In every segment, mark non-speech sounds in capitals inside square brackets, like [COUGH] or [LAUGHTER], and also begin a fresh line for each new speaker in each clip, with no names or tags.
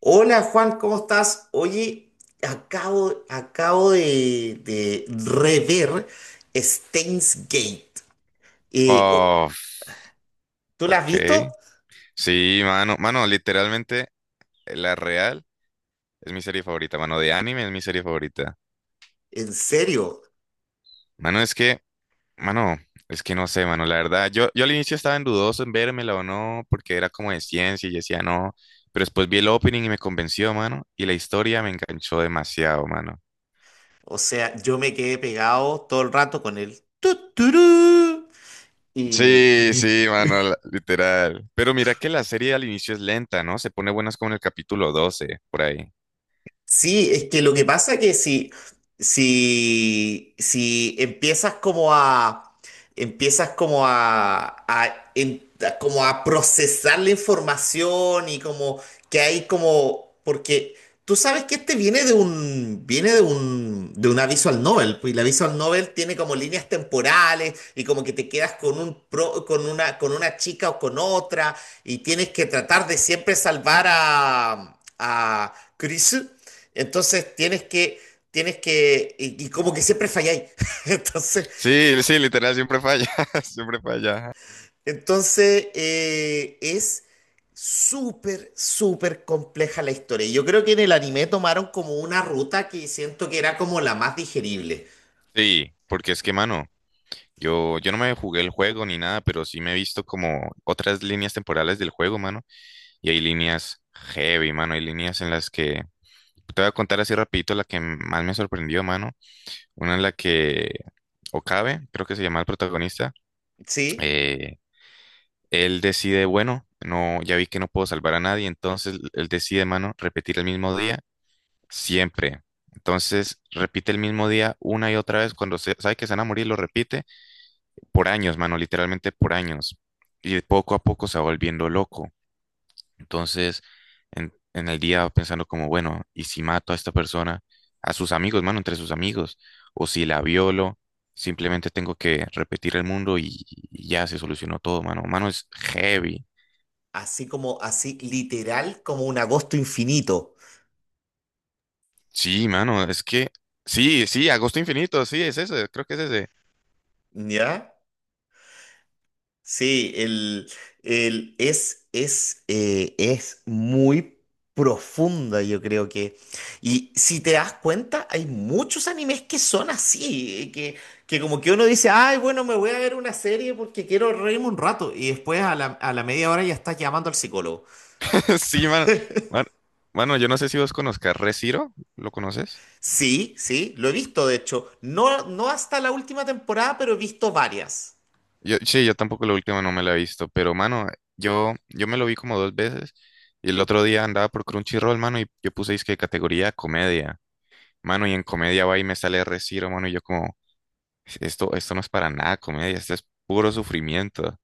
Hola Juan, ¿cómo estás? Oye, acabo de rever Steins Gate. Eh, oh,
Oh,
¿Tú la has visto?
ok. Sí, mano. Mano, literalmente, La Real es mi serie favorita, mano. De anime es mi serie favorita.
En serio.
Mano, mano, es que no sé, mano. La verdad, yo al inicio estaba en dudoso en vérmela o no, porque era como de ciencia y yo decía no. Pero después vi el opening y me convenció, mano. Y la historia me enganchó demasiado, mano.
O sea, yo me quedé pegado todo el rato con el turú. Y
Sí, sí,
[LAUGHS]
mano, literal. Pero mira que la serie al inicio es lenta, ¿no? Se pone buenas como en el capítulo 12, por ahí.
Sí, es que lo que pasa que si como a procesar la información y como que hay como, porque tú sabes que este viene de una visual novel, pues, y la visual novel tiene como líneas temporales y como que te quedas con una chica o con otra y tienes que tratar de siempre salvar a, Chris. Entonces tienes que, y como que siempre falláis. [LAUGHS] Entonces,
Sí, sí, literal, siempre falla, [LAUGHS] siempre falla.
entonces, es súper, súper compleja la historia. Y yo creo que en el anime tomaron como una ruta que siento que era como la más digerible,
Sí, porque es que, mano, yo no me jugué el juego ni nada, pero sí me he visto como otras líneas temporales del juego, mano, y hay líneas heavy, mano, hay líneas te voy a contar así rapidito la que más me sorprendió, mano, una en la que Okabe, creo que se llama el protagonista,
¿sí?
eh, él decide, bueno, no, ya vi que no puedo salvar a nadie, entonces él decide, mano, repetir el mismo día siempre. Entonces repite el mismo día una y otra vez. Cuando sabe que se van a morir, lo repite por años, mano, literalmente por años. Y poco a poco se va volviendo loco. Entonces, en el día pensando como, bueno, ¿y si mato a esta persona, a sus amigos, mano, entre sus amigos? O si la violo, simplemente tengo que repetir el mundo y ya se solucionó todo, mano. Mano, es heavy.
Así como, así literal, como un agosto infinito,
Sí, mano, es que, sí, sí, Agosto Infinito, sí, es ese, creo que es ese.
¿ya? Sí, es muy profunda, yo creo que. Y si te das cuenta, hay muchos animes que son así, que como que uno dice, ay, bueno, me voy a ver una serie porque quiero reírme un rato. Y después a la media hora ya estás llamando al psicólogo.
[LAUGHS] Sí, mano. Man- Mano, yo no sé si vos conozcas Re:Zero, ¿lo conoces?
Sí, sí, lo he visto, de hecho. No, no hasta la última temporada, pero he visto varias.
Yo, sí, yo tampoco la última no me la he visto, pero mano, yo me lo vi como dos veces y el otro día andaba por Crunchyroll, mano, y yo puse que categoría comedia, mano, y en comedia va y me sale Reciro, mano, y yo como, esto no es para nada comedia, esto es puro sufrimiento,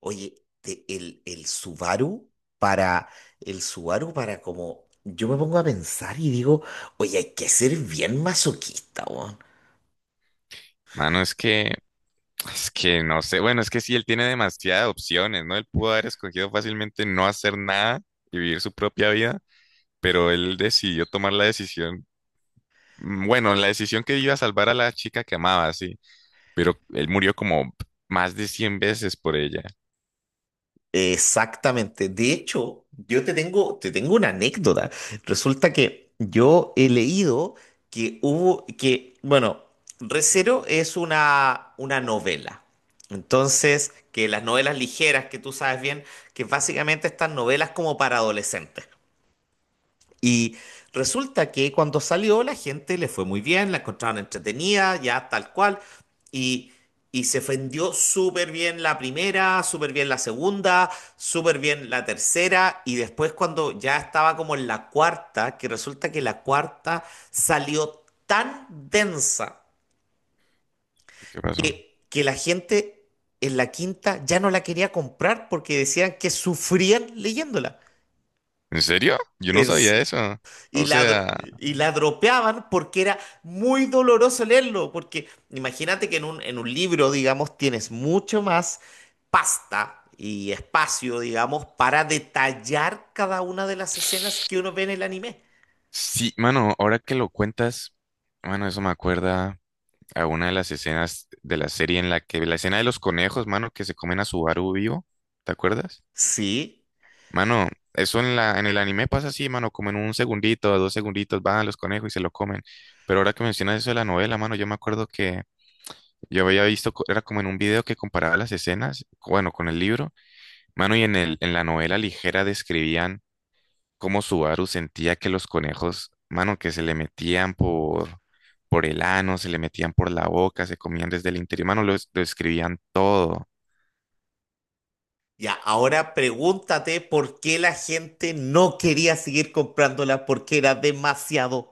Oye, el Subaru para, el Subaru para como, yo me pongo a pensar y digo, oye, hay que ser bien masoquista, weón.
mano, es que no sé, bueno, es que sí, él tiene demasiadas opciones, ¿no? Él pudo haber escogido fácilmente no hacer nada y vivir su propia vida, pero él decidió tomar la decisión, bueno, la decisión que iba a salvar a la chica que amaba, sí. Pero él murió como más de 100 veces por ella.
Exactamente. De hecho, yo te tengo una anécdota. Resulta que yo he leído que que, bueno, Recero es una novela. Entonces, que las novelas ligeras que tú sabes bien, que básicamente están novelas como para adolescentes. Y resulta que cuando salió la gente le fue muy bien, la encontraron entretenida, ya tal cual, y, y se vendió súper bien la primera, súper bien la segunda, súper bien la tercera, y después cuando ya estaba como en la cuarta, que resulta que la cuarta salió tan densa
¿Qué, qué pasó?
que la gente en la quinta ya no la quería comprar porque decían que sufrían leyéndola.
¿En serio? Yo no
Es-
sabía eso.
Y
O
la, dro-
sea,
y la dropeaban porque era muy doloroso leerlo, porque imagínate que en un libro, digamos, tienes mucho más pasta y espacio, digamos, para detallar cada una de las escenas que uno ve en el anime.
sí, mano, ahora que lo cuentas, mano, eso me acuerda a una de las escenas de la serie en la que, la escena de los conejos, mano, que se comen a Subaru vivo, ¿te acuerdas?
Sí,
Mano, eso en el anime pasa así, mano, como en un segundito, dos segunditos, van los conejos y se lo comen. Pero ahora que mencionas eso de la novela, mano, yo me acuerdo que yo había visto, era como en un video que comparaba las escenas, bueno, con el libro. Mano, y en la novela ligera describían cómo Subaru sentía que los conejos, mano, que se le metían por el ano, se le metían por la boca, se comían desde el interior, mano, lo, lo escribían todo.
ya, ahora pregúntate por qué la gente no quería seguir comprándola porque era demasiado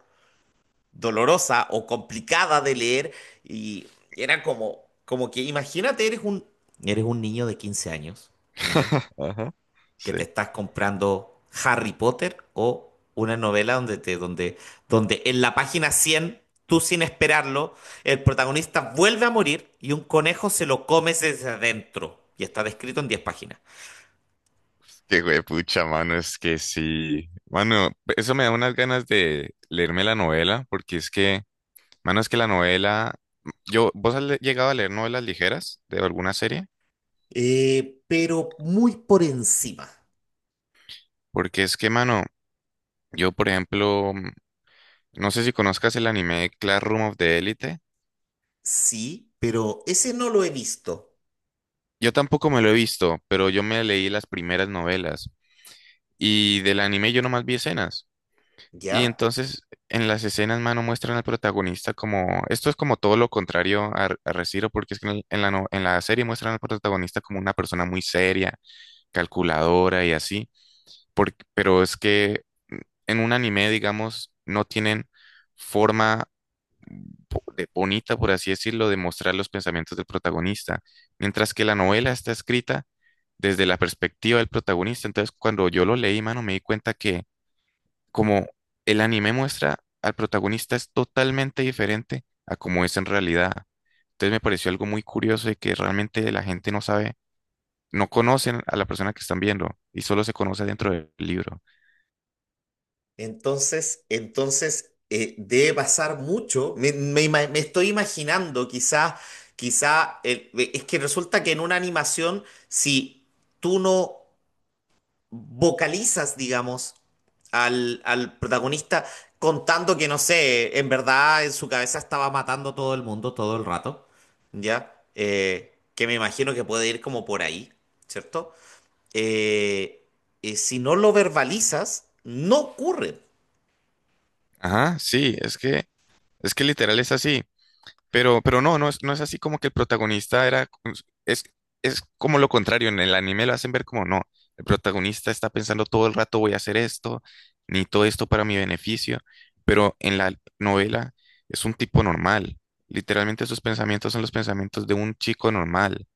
dolorosa o complicada de leer y era como que imagínate, eres un niño de 15 años, ¿ya?
[LAUGHS] Ajá,
Que
sí.
te estás comprando Harry Potter o una novela donde en la página 100 tú sin esperarlo, el protagonista vuelve a morir y un conejo se lo come desde adentro y está descrito en 10 páginas.
Qué pucha, mano, es que sí. Mano, eso me da unas ganas de leerme la novela, porque es que, mano, es que la novela, yo, ¿vos has llegado a leer novelas ligeras de alguna serie?
Pero muy por encima,
Porque es que, mano, yo, por ejemplo, no sé si conozcas el anime Classroom of the Elite.
sí, pero ese no lo he visto,
Yo tampoco me lo he visto, pero yo me leí las primeras novelas y del anime yo nomás vi escenas. Y
¿ya?
entonces en las escenas, mano, muestran al protagonista como... Esto es como todo lo contrario a, a Re:Zero, porque es que en, en la, en la serie muestran al protagonista como una persona muy seria, calculadora y así. Pero es que mm, en un anime, digamos, no tienen forma bonita, por así decirlo, de mostrar los pensamientos del protagonista, mientras que la novela está escrita desde la perspectiva del protagonista. Entonces, cuando yo lo leí, mano, me di cuenta que como el anime muestra al protagonista es totalmente diferente a como es en realidad. Entonces, me pareció algo muy curioso de que realmente la gente no sabe, no conocen a la persona que están viendo y solo se conoce dentro del libro.
Entonces, debe pasar mucho. Me estoy imaginando, quizá, es que resulta que en una animación, si tú no vocalizas, digamos, al protagonista contando que, no sé, en verdad en su cabeza estaba matando a todo el mundo todo el rato, ¿ya? Que me imagino que puede ir como por ahí, ¿cierto? Eh, si no lo verbalizas, no ocurre.
Ajá, sí, es que literal es así. Pero no, no es, no es así como que el protagonista era, es, es como lo contrario, en el anime lo hacen ver como no, el protagonista está pensando todo el rato voy a hacer esto, ni todo esto para mi beneficio, pero en la novela es un tipo normal, literalmente sus pensamientos son los pensamientos de un chico normal,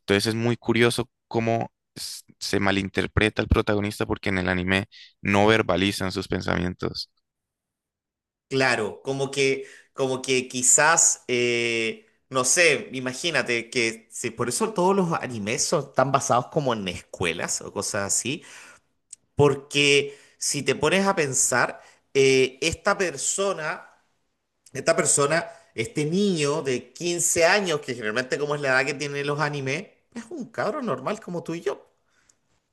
entonces es muy curioso cómo se malinterpreta al protagonista porque en el anime no verbalizan sus pensamientos.
Claro, como que quizás, no sé, imagínate que sí, por eso todos los animes son, están basados como en escuelas o cosas así, porque si te pones a pensar, eh, esta persona, esta persona, este niño de 15 años, que generalmente como es la edad que tienen los animes, es un cabro normal como tú y yo.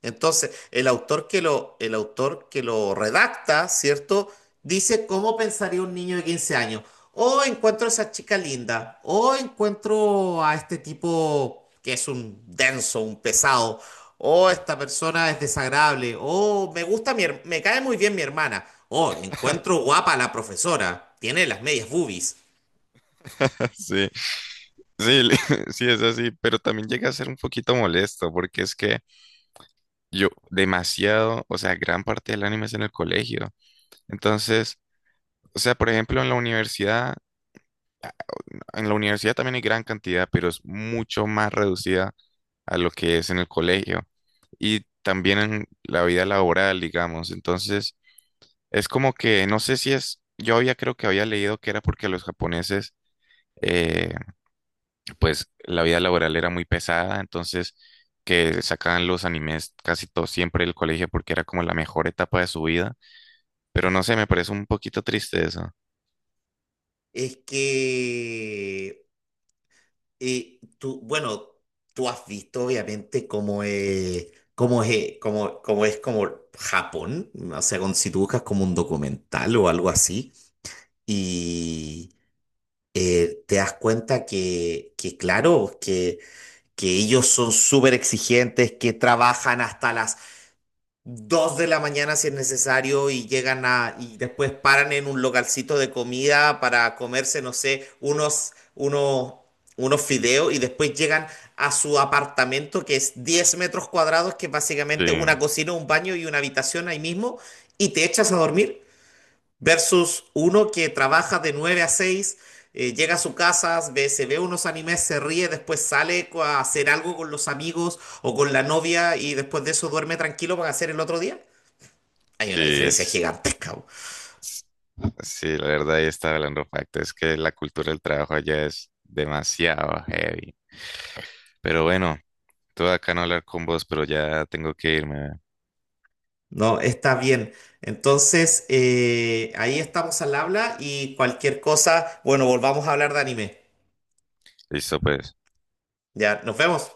Entonces, el autor que lo redacta, ¿cierto? Dice cómo pensaría un niño de 15 años. O encuentro a esa chica linda. O encuentro a este tipo que es un denso, un pesado. O
Ah.
esta persona es desagradable. O me cae muy bien mi hermana. O encuentro
[LAUGHS]
guapa a la profesora. Tiene las medias boobies.
Sí. Sí, [LAUGHS] sí, es así, pero también llega a ser un poquito molesto porque es que yo demasiado, o sea, gran parte del anime es en el colegio. Entonces, o sea, por ejemplo, en la universidad también hay gran cantidad, pero es mucho más reducida a lo que es en el colegio y también en la vida laboral, digamos. Entonces, es como que no sé si es, yo había creo que había leído que era porque los japoneses eh, pues la vida laboral era muy pesada, entonces que sacaban los animes casi todo siempre del colegio porque era como la mejor etapa de su vida, pero no sé, me parece un poquito triste eso.
Es que Y tú has visto obviamente cómo es como Japón, o sea, si tú buscas como un documental o algo así, y te das cuenta que, claro, que ellos son súper exigentes, que trabajan hasta las 2 de la mañana si es necesario y llegan a, y después paran en un localcito de comida para comerse, no sé, unos fideos y después llegan a su apartamento que es 10 metros cuadrados, que es
Sí,
básicamente una cocina, un baño y una habitación ahí mismo y te echas a dormir versus uno que trabaja de 9 a 6 llega a su casa, se ve unos animes, se ríe, después a hacer algo con los amigos o con la novia y después de eso duerme tranquilo para hacer el otro día. Hay
sí,
una diferencia
es,
gigantesca, po.
es- sí, la verdad ahí está hablando facto, es que la cultura del trabajo allá es demasiado heavy. Pero bueno, todo acá no hablar con vos, pero ya tengo que irme.
¿No? Está bien. Entonces, ahí estamos al habla y cualquier cosa, bueno, volvamos a hablar de anime.
Listo, pues.
Ya, nos vemos.